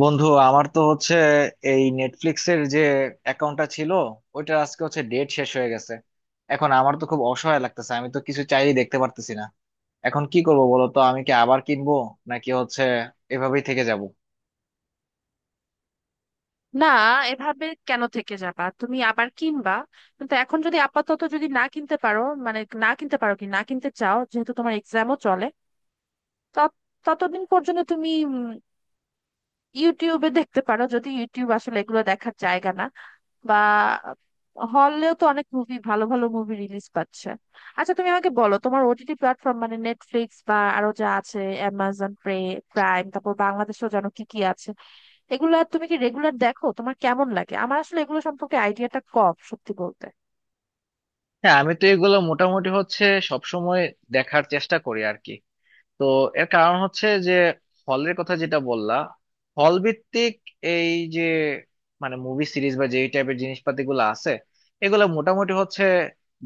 বন্ধু আমার তো হচ্ছে এই নেটফ্লিক্সের যে অ্যাকাউন্টটা ছিল, ওইটা আজকে হচ্ছে ডেট শেষ হয়ে গেছে। এখন আমার তো খুব অসহায় লাগতেছে, আমি তো কিছু চাইলেই দেখতে পারতেছি না। এখন কি করবো বলো তো, আমি কি আবার কিনবো নাকি হচ্ছে এভাবেই থেকে যাব? না, এভাবে কেন থেকে যাবা? তুমি আবার কিনবা। কিন্তু এখন যদি আপাতত যদি না কিনতে পারো, মানে না কিনতে পারো কি না কিনতে চাও, যেহেতু তোমার এক্সামও চলে, তত- ততদিন পর্যন্ত তুমি ইউটিউবে দেখতে পারো। যদি ইউটিউব আসলে এগুলো দেখার জায়গা না, বা হলেও তো অনেক মুভি, ভালো ভালো মুভি রিলিজ পাচ্ছে। আচ্ছা তুমি আমাকে বলো, তোমার ওটিটি প্ল্যাটফর্ম মানে নেটফ্লিক্স বা আরো যা আছে অ্যামাজন প্রে প্রাইম, তারপর বাংলাদেশেও জানো কি কি আছে, এগুলা তুমি কি রেগুলার দেখো? তোমার কেমন লাগে? আমার আসলে এগুলো সম্পর্কে আইডিয়াটা কম, সত্যি বলতে। হ্যাঁ, আমি তো এগুলো মোটামুটি হচ্ছে সবসময় দেখার চেষ্টা করি আর কি। তো এর কারণ হচ্ছে যে হলের কথা যেটা বললা, হল ভিত্তিক এই যে মানে মুভি সিরিজ বা যেই টাইপের জিনিসপাতি গুলো আছে, এগুলো মোটামুটি হচ্ছে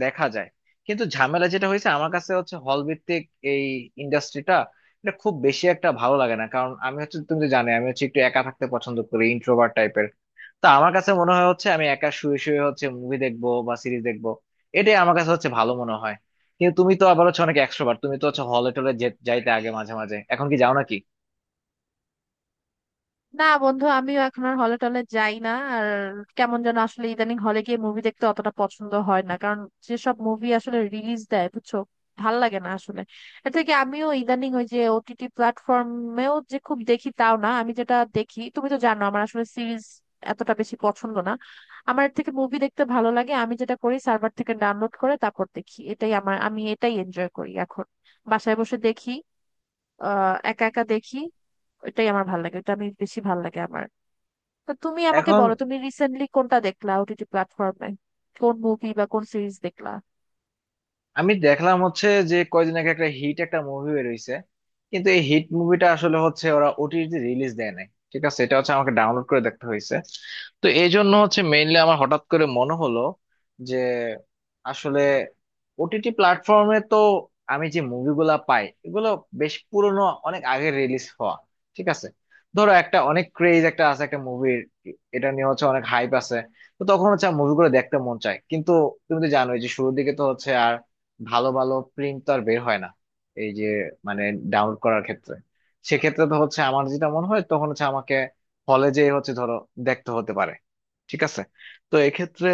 দেখা যায়। কিন্তু ঝামেলা যেটা হয়েছে আমার কাছে হচ্ছে হল ভিত্তিক এই ইন্ডাস্ট্রিটা, এটা খুব বেশি একটা ভালো লাগে না, কারণ আমি হচ্ছে তুমি তো জানো আমি হচ্ছে একটু একা থাকতে পছন্দ করি, ইন্ট্রোভার্ট টাইপের। তা আমার কাছে মনে হয় হচ্ছে আমি একা শুয়ে শুয়ে হচ্ছে মুভি দেখবো বা সিরিজ দেখবো, এটাই আমার কাছে হচ্ছে ভালো মনে হয়। কিন্তু তুমি তো আবার হচ্ছে অনেক এক্সট্রোভার্ট, তুমি তো হচ্ছে হলে টলে যাইতে আগে মাঝে মাঝে, এখন কি যাও নাকি? না বন্ধু, আমিও এখন আর হলে টলে যাই না আর। কেমন যেন আসলে ইদানিং হলে গিয়ে মুভি দেখতে অতটা পছন্দ হয় না, কারণ যেসব মুভি আসলে রিলিজ দেয় বুঝছো, ভাল লাগে না আসলে। এর থেকে আমিও ইদানিং ওই যে ওটিটি প্ল্যাটফর্মেও যে খুব দেখি তাও না। আমি যেটা দেখি, তুমি তো জানো আমার আসলে সিরিজ এতটা বেশি পছন্দ না, আমার এর থেকে মুভি দেখতে ভালো লাগে। আমি যেটা করি, সার্ভার থেকে ডাউনলোড করে তারপর দেখি, এটাই আমার, আমি এটাই এনজয় করি এখন। বাসায় বসে দেখি, একা একা দেখি। ওইটাই আমার ভালো লাগে, ওটা আমি বেশি ভালো লাগে আমার। তা তুমি আমাকে এখন বলো, তুমি রিসেন্টলি কোনটা দেখলা ওটিটি প্ল্যাটফর্মে? কোন মুভি বা কোন সিরিজ দেখলা? আমি দেখলাম হচ্ছে যে কয়দিন আগে একটা হিট একটা মুভি বের হইছে, কিন্তু এই হিট মুভিটা আসলে হচ্ছে ওরা ওটিটি রিলিজ দেয় নাই। ঠিক আছে, এটা হচ্ছে আমাকে ডাউনলোড করে দেখতে হয়েছে। তো এই জন্য হচ্ছে মেইনলি আমার হঠাৎ করে মনে হলো যে আসলে ওটিটি প্ল্যাটফর্মে তো আমি যে মুভিগুলা পাই এগুলো বেশ পুরনো, অনেক আগে রিলিজ হওয়া। ঠিক আছে, ধরো একটা অনেক ক্রেজ একটা আছে একটা মুভির, এটা নিয়ে হচ্ছে অনেক হাইপ আছে। তো তখন হচ্ছে মুভিগুলো দেখতে মন চায়, কিন্তু তুমি তো জানোই যে শুরুর দিকে তো হচ্ছে ভালো ভালো প্রিন্ট তো আর বের হয় না, এই যে মানে ডাউনলোড করার ক্ষেত্রে। সেক্ষেত্রে তো হচ্ছে আমার যেটা মনে হয় তখন হচ্ছে আমাকে হলে যেয়ে হচ্ছে ধরো দেখতে হতে পারে। ঠিক আছে, তো এক্ষেত্রে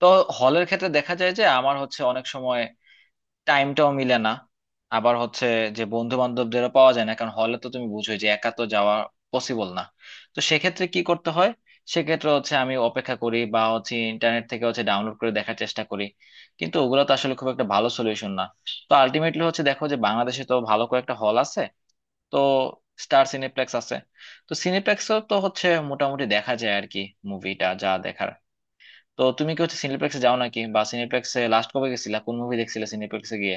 তো হলের ক্ষেত্রে দেখা যায় যে আমার হচ্ছে অনেক সময় টাইমটাও মিলে না, আবার হচ্ছে যে বন্ধু বান্ধবদেরও পাওয়া যায় না, কারণ হলে তো তুমি বুঝোই যে একা তো যাওয়া পসিবল না। তো সেক্ষেত্রে কি করতে হয়? সেক্ষেত্রে হচ্ছে আমি অপেক্ষা করি বা হচ্ছে ইন্টারনেট থেকে হচ্ছে ডাউনলোড করে দেখার চেষ্টা করি, কিন্তু ওগুলো তো আসলে খুব একটা ভালো সলিউশন না। তো আলটিমেটলি হচ্ছে দেখো যে বাংলাদেশে তো ভালো কয়েকটা হল আছে, তো স্টার সিনেপ্লেক্স আছে। তো সিনেপ্লেক্সও তো হচ্ছে মোটামুটি দেখা যায় আর কি মুভিটা যা দেখার। তো তুমি কি হচ্ছে সিনেপ্লেক্সে যাও নাকি, বা সিনেপ্লেক্সে লাস্ট কবে গেছিলা, কোন মুভি দেখছিলে সিনেপ্লেক্সে গিয়ে?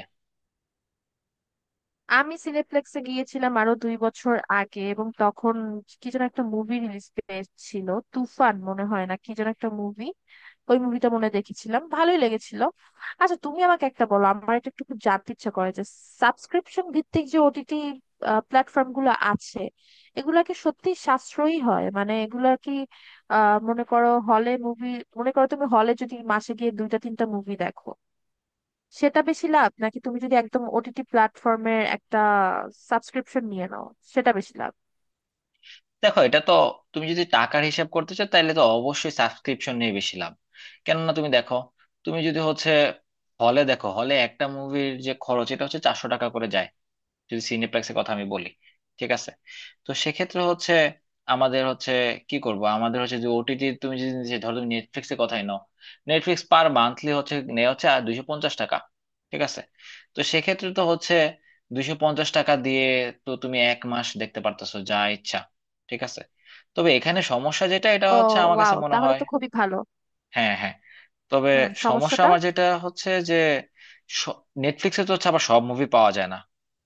আমি সিনেপ্লেক্সে গিয়েছিলাম আরো দুই বছর আগে, এবং তখন কি যেন একটা মুভি রিলিজ পেয়েছিল, তুফান মনে হয়, না কি যেন একটা মুভি। ওই মুভিটা মনে হয় দেখেছিলাম, ভালোই লেগেছিল। আচ্ছা তুমি আমাকে একটা বলো, আমার এটা একটু খুব জানতে ইচ্ছা করে যে, সাবস্ক্রিপশন ভিত্তিক যে ওটিটি প্ল্যাটফর্ম গুলো আছে, এগুলা কি সত্যি সাশ্রয়ী হয়? মানে এগুলা কি মনে করো হলে মুভি, মনে করো তুমি হলে যদি মাসে গিয়ে দুইটা তিনটা মুভি দেখো, সেটা বেশি লাভ, নাকি তুমি যদি একদম ওটিটি প্ল্যাটফর্মের একটা সাবস্ক্রিপশন নিয়ে নাও, সেটা বেশি লাভ? দেখো এটা তো তুমি যদি টাকার হিসাব করতে চাও তাহলে তো অবশ্যই সাবস্ক্রিপশন নিয়ে বেশি লাভ। কেননা তুমি দেখো, তুমি যদি হচ্ছে হলে দেখো হলে একটা মুভির যে খরচ এটা হচ্ছে 400 টাকা করে যায়, যদি সিনেপ্লেক্সের কথা আমি বলি। ঠিক আছে, তো সেক্ষেত্রে হচ্ছে আমাদের হচ্ছে কি করব, আমাদের হচ্ছে যে ওটিটি তুমি যদি যে ধরো তুমি নেটফ্লিক্সের কথাই নাও, নেটফ্লিক্স পার মান্থলি হচ্ছে নেওয়া হচ্ছে আর 250 টাকা। ঠিক আছে, তো সেক্ষেত্রে তো হচ্ছে 250 টাকা দিয়ে তো তুমি এক মাস দেখতে পারতেছো যা ইচ্ছা। ঠিক আছে, তবে এখানে সমস্যা যেটা, এটা ও, হচ্ছে আমার কাছে ওয়াও, মনে তাহলে হয়। তো খুবই ভালো। হ্যাঁ, হ্যাঁ। তবে হুম, সমস্যা সমস্যাটা? আমার যেটা হচ্ছে যে নেটফ্লিক্সে তো হচ্ছে আবার সব মুভি পাওয়া যায় না,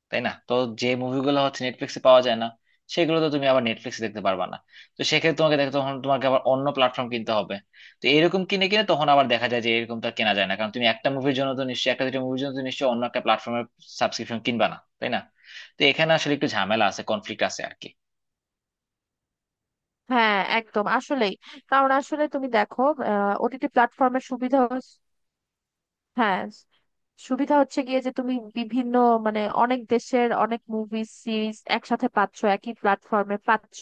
তাই না? তো যে মুভিগুলো হচ্ছে নেটফ্লিক্সে পাওয়া যায় না সেগুলো তো তুমি আবার নেটফ্লিক্সে দেখতে পারবা না। তো সেক্ষেত্রে তোমাকে দেখতে তখন তোমাকে আবার অন্য প্ল্যাটফর্ম কিনতে হবে। তো এরকম কিনে কিনে তখন আবার দেখা যায় যে এরকম তো আর কেনা যায় না, কারণ তুমি একটা মুভির জন্য তো নিশ্চয়ই একটা দুটো মুভির জন্য তো নিশ্চয়ই অন্য একটা প্ল্যাটফর্মের সাবস্ক্রিপশন কিনবা না, তাই না? তো এখানে আসলে একটু ঝামেলা আছে, কনফ্লিক্ট আছে আর কি। হ্যাঁ একদম, আসলেই। কারণ আসলে তুমি দেখো, ওটিটি প্ল্যাটফর্মের সুবিধা, হ্যাঁ, সুবিধা হচ্ছে গিয়ে যে তুমি বিভিন্ন মানে অনেক দেশের অনেক মুভি সিরিজ একসাথে পাচ্ছ, একই প্ল্যাটফর্মে পাচ্ছ।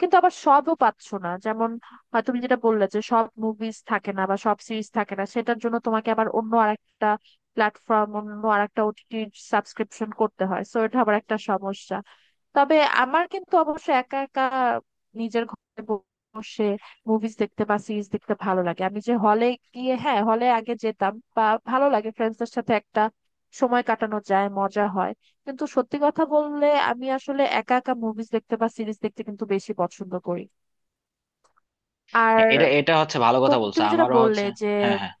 কিন্তু আবার সবও পাচ্ছ না, যেমন তুমি যেটা বললে, যে সব মুভিজ থাকে না বা সব সিরিজ থাকে না, সেটার জন্য তোমাকে আবার অন্য আরেকটা প্ল্যাটফর্ম, অন্য আরেকটা ওটিটি সাবস্ক্রিপশন করতে হয়, সো এটা আবার একটা সমস্যা। তবে আমার কিন্তু অবশ্য একা একা নিজের ঘরে বসে মুভিজ দেখতে বা সিরিজ দেখতে ভালো লাগে। আমি যে হলে গিয়ে, হ্যাঁ হলে আগে যেতাম, বা ভালো লাগে ফ্রেন্ডসদের সাথে একটা সময় কাটানো যায়, মজা হয়। কিন্তু সত্যি কথা বললে আমি আসলে একা একা মুভিজ দেখতে বা সিরিজ দেখতে কিন্তু বেশি পছন্দ করি। আর হ্যাঁ এটা এটা হচ্ছে ভালো কথা তুমি বলছো, তুমি যেটা আমারও বললে হচ্ছে। যে, হ্যাঁ, হ্যাঁ।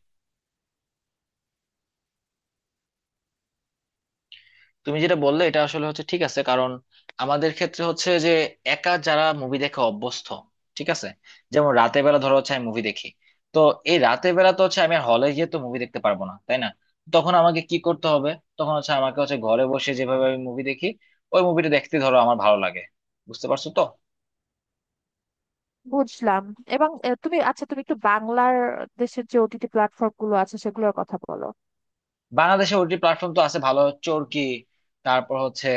তুমি যেটা বললে এটা আসলে হচ্ছে ঠিক আছে, কারণ আমাদের ক্ষেত্রে হচ্ছে যে একা যারা মুভি দেখে অভ্যস্ত। ঠিক আছে, যেমন রাতে বেলা ধরো হচ্ছে আমি মুভি দেখি। তো এই রাতে বেলা তো হচ্ছে আমি হলে গিয়ে তো মুভি দেখতে পারবো না, তাই না? তখন আমাকে কি করতে হবে? তখন হচ্ছে আমাকে হচ্ছে ঘরে বসে যেভাবে আমি মুভি দেখি ওই মুভিটা দেখতে ধরো আমার ভালো লাগে। বুঝতে পারছো তো? বুঝলাম। এবং তুমি, আচ্ছা তুমি একটু বাংলার দেশের যে ওটিটি প্ল্যাটফর্ম গুলো আছে সেগুলোর কথা বলো। বাংলাদেশে ওটি প্ল্যাটফর্ম তো আছে ভালো, চরকি, তারপর হচ্ছে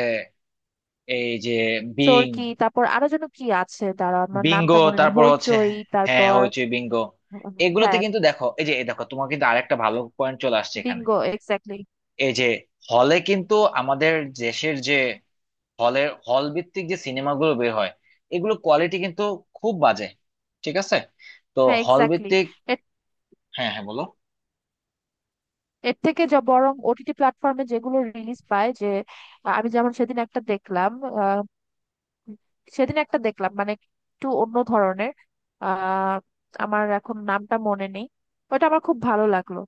এই যে বিং, চরকি, তারপর আরো যেন কি আছে, দাঁড়া, আমার বিঙ্গো, নামটা মনে নেই, তারপর হচ্ছে হইচই, হ্যাঁ তারপর হইচই, বিঙ্গো। এগুলোতে হ্যাঁ কিন্তু দেখো, এই যে এই দেখো, তোমার কিন্তু আরেকটা ভালো পয়েন্ট চলে আসছে এখানে। Bingo, exactly. এই যে হলে কিন্তু আমাদের দেশের যে হলের হল ভিত্তিক যে সিনেমাগুলো বের হয় এগুলো কোয়ালিটি কিন্তু খুব বাজে। ঠিক আছে, তো হ্যাঁ হল এক্স্যাক্টলি। ভিত্তিক। এর হ্যাঁ, হ্যাঁ, বলো। এর থেকে যা বরং ওটিটি প্ল্যাটফর্মে যেগুলো রিলিজ পায়, যে আমি যেমন সেদিন একটা দেখলাম, আহ, সেদিন একটা দেখলাম মানে একটু অন্য ধরনের, আহ আমার এখন নামটা মনে নেই। ওটা আমার খুব ভালো লাগলো।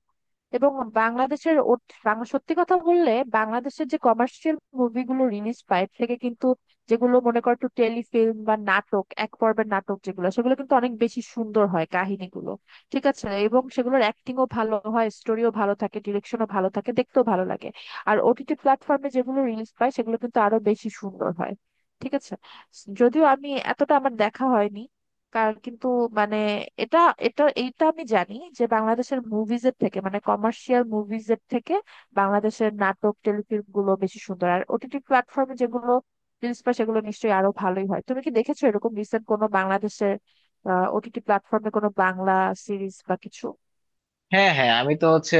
এবং বাংলাদেশের ও- সত্যি কথা বললে, বাংলাদেশের যে কমার্শিয়াল মুভিগুলো রিলিজ পায়, এর থেকে কিন্তু যেগুলো মনে করো একটু টেলিফিল্ম বা নাটক, এক পর্বের নাটক যেগুলো, সেগুলো কিন্তু অনেক বেশি সুন্দর হয় কাহিনীগুলো, ঠিক আছে। এবং সেগুলোর অ্যাক্টিংও ভালো হয়, স্টোরিও ভালো থাকে, ডিরেকশনও ভালো থাকে, দেখতেও ভালো লাগে। আর ওটিটি প্ল্যাটফর্মে যেগুলো রিলিজ পায় সেগুলো কিন্তু আরো বেশি সুন্দর হয়, ঠিক আছে। যদিও আমি এতটা আমার দেখা হয়নি, কার কিন্তু মানে, এটা এটা এইটা আমি জানি যে বাংলাদেশের মুভিজ এর থেকে মানে কমার্শিয়াল মুভিজ এর থেকে বাংলাদেশের নাটক টেলিফিল্ম গুলো বেশি সুন্দর, আর ওটিটি প্ল্যাটফর্মে যেগুলো রিলিজ পায় সেগুলো নিশ্চয়ই আরো ভালোই হয়। তুমি কি দেখেছো এরকম রিসেন্ট কোনো বাংলাদেশের ওটিটি প্ল্যাটফর্মে কোনো বাংলা সিরিজ বা কিছু? হ্যাঁ, হ্যাঁ, আমি তো হচ্ছে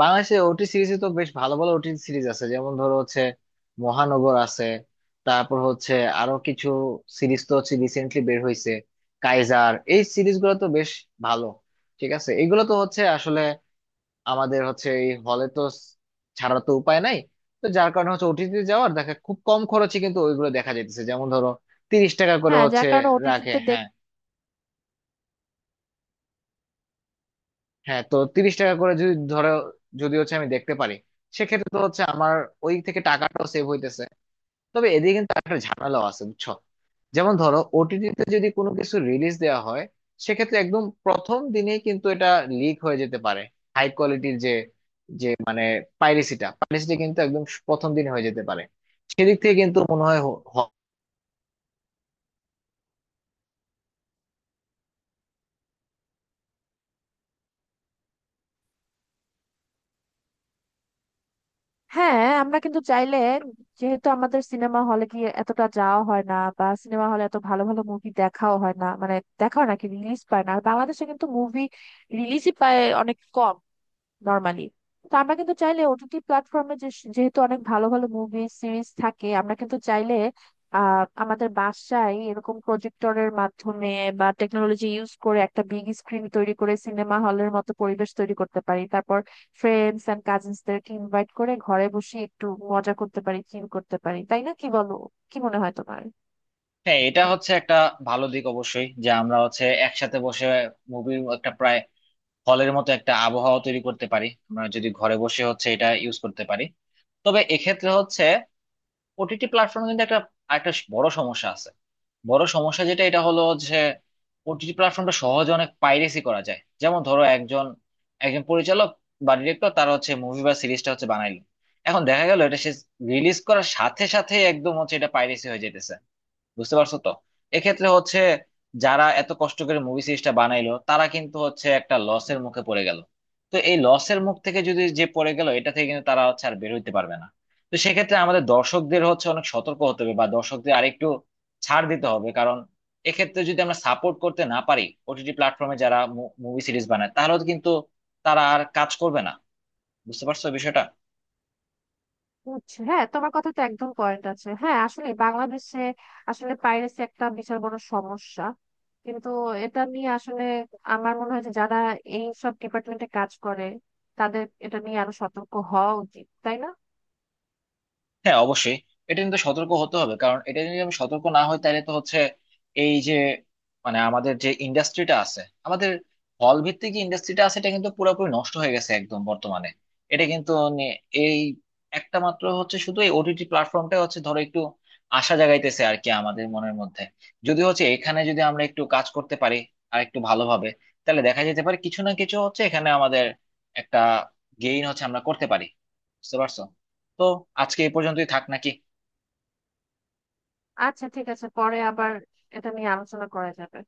বাংলাদেশে ওটি সিরিজে তো বেশ ভালো ভালো ওটি সিরিজ আছে, যেমন ধরো হচ্ছে মহানগর আছে। তারপর হচ্ছে আরো কিছু সিরিজ তো হচ্ছে রিসেন্টলি বের হয়েছে, কাইজার। এই সিরিজ গুলো তো বেশ ভালো। ঠিক আছে, এগুলো তো হচ্ছে আসলে আমাদের হচ্ছে এই হলে তো ছাড়া তো উপায় নাই। তো যার কারণে হচ্ছে ওটিতে যাওয়ার দেখা খুব কম খরচে কিন্তু ওইগুলো দেখা যাইতেছে, যেমন ধরো 30 টাকা করে হ্যাঁ, হচ্ছে যার কারণে রাখে। ওটিটিতে। হ্যাঁ, হ্যাঁ, তো 30 টাকা করে যদি ধরো যদি হচ্ছে আমি দেখতে পারি, সেক্ষেত্রে তো হচ্ছে আমার ওই থেকে টাকাটাও সেভ হইতেছে। তবে এদিকে কিন্তু একটা ঝামেলাও আছে বুঝছো। যেমন ধরো ওটিটিতে যদি কোনো কিছু রিলিজ দেওয়া হয় সেক্ষেত্রে একদম প্রথম দিনেই কিন্তু এটা লিক হয়ে যেতে পারে, হাই কোয়ালিটির যে যে মানে পাইরেসিটা, কিন্তু একদম প্রথম দিনে হয়ে যেতে পারে। সেদিক থেকে কিন্তু মনে হয় হ্যাঁ আমরা কিন্তু চাইলে, যেহেতু আমাদের সিনেমা হলে গিয়ে এতটা যাওয়া হয় না, বা সিনেমা হলে এত ভালো ভালো মুভি দেখাও হয় না, মানে দেখাও নাকি রিলিজ পায় না, আর বাংলাদেশে কিন্তু মুভি রিলিজই পায় অনেক কম নর্মালি। তো আমরা কিন্তু চাইলে ওটিটি প্ল্যাটফর্মে, যেহেতু অনেক ভালো ভালো মুভি সিরিজ থাকে, আমরা কিন্তু চাইলে আমাদের বাসায় এরকম প্রজেক্টরের মাধ্যমে বা টেকনোলজি ইউজ করে একটা বিগ স্ক্রিন তৈরি করে সিনেমা হলের মতো পরিবেশ তৈরি করতে পারি। তারপর ফ্রেন্ডস এন্ড কাজিনসদেরকে ইনভাইট করে ঘরে বসে একটু মজা করতে পারি, চিল করতে পারি, তাই না, কি বলো? কি মনে হয় তোমার? হ্যাঁ এটা হচ্ছে একটা ভালো দিক অবশ্যই, যে আমরা হচ্ছে একসাথে বসে মুভির একটা প্রায় হলের মতো একটা আবহাওয়া তৈরি করতে পারি, আমরা যদি ঘরে বসে হচ্ছে এটা ইউজ করতে পারি। তবে এক্ষেত্রে হচ্ছে ওটিটি প্ল্যাটফর্মে কিন্তু একটা একটা বড় সমস্যা আছে। বড় সমস্যা যেটা এটা হলো যে ওটিটি প্ল্যাটফর্মটা সহজে অনেক পাইরেসি করা যায়। যেমন ধরো একজন একজন পরিচালক বা ডিরেক্টর তার হচ্ছে মুভি বা সিরিজটা হচ্ছে বানাইলো। এখন দেখা গেল এটা সে রিলিজ করার সাথে সাথে একদম হচ্ছে এটা পাইরেসি হয়ে যেতেছে। বুঝতে পারছো তো? এক্ষেত্রে হচ্ছে যারা এত কষ্ট করে মুভি সিরিজটা বানাইলো, তারা কিন্তু হচ্ছে একটা লসের মুখে পড়ে গেল। তো এই লসের মুখ থেকে যদি যে পড়ে গেল এটা থেকে কিন্তু তারা হচ্ছে আর বের হইতে পারবে না। তো সেক্ষেত্রে আমাদের দর্শকদের হচ্ছে অনেক সতর্ক হতে হবে বা দর্শকদের আরেকটু ছাড় দিতে হবে, কারণ এক্ষেত্রে যদি আমরা সাপোর্ট করতে না পারি ওটিটি প্ল্যাটফর্মে যারা মুভি সিরিজ বানায়, তাহলে কিন্তু তারা আর কাজ করবে না। বুঝতে পারছো বিষয়টা? বুঝছি। হ্যাঁ তোমার কথা তো একদম পয়েন্ট আছে। হ্যাঁ আসলে বাংলাদেশে আসলে পাইরেসি একটা বিশাল বড় সমস্যা। কিন্তু এটা নিয়ে আসলে আমার মনে হয় যে, যারা এই সব ডিপার্টমেন্টে কাজ করে তাদের এটা নিয়ে আরো সতর্ক হওয়া উচিত, তাই না? হ্যাঁ, অবশ্যই এটা কিন্তু সতর্ক হতে হবে, কারণ এটা যদি আমি সতর্ক না হই তাহলে তো হচ্ছে এই যে মানে আমাদের যে ইন্ডাস্ট্রিটা আছে, আমাদের হল ভিত্তিক যে ইন্ডাস্ট্রিটা আছে, এটা কিন্তু পুরোপুরি নষ্ট হয়ে গেছে একদম বর্তমানে। এটা কিন্তু নে- এই একটা মাত্র হচ্ছে শুধু এই ওটিটি প্ল্যাটফর্মটা হচ্ছে ধরো একটু আশা জাগাইতেছে আর কি আমাদের মনের মধ্যে। যদি হচ্ছে এখানে যদি আমরা একটু কাজ করতে পারি আর একটু ভালোভাবে, তাহলে দেখা যেতে পারে কিছু না কিছু হচ্ছে এখানে আমাদের একটা গেইন হচ্ছে আমরা করতে পারি। বুঝতে পারছো তো? আজকে এই পর্যন্তই থাক নাকি? আচ্ছা ঠিক আছে, পরে আবার এটা নিয়ে আলোচনা করা যাবে।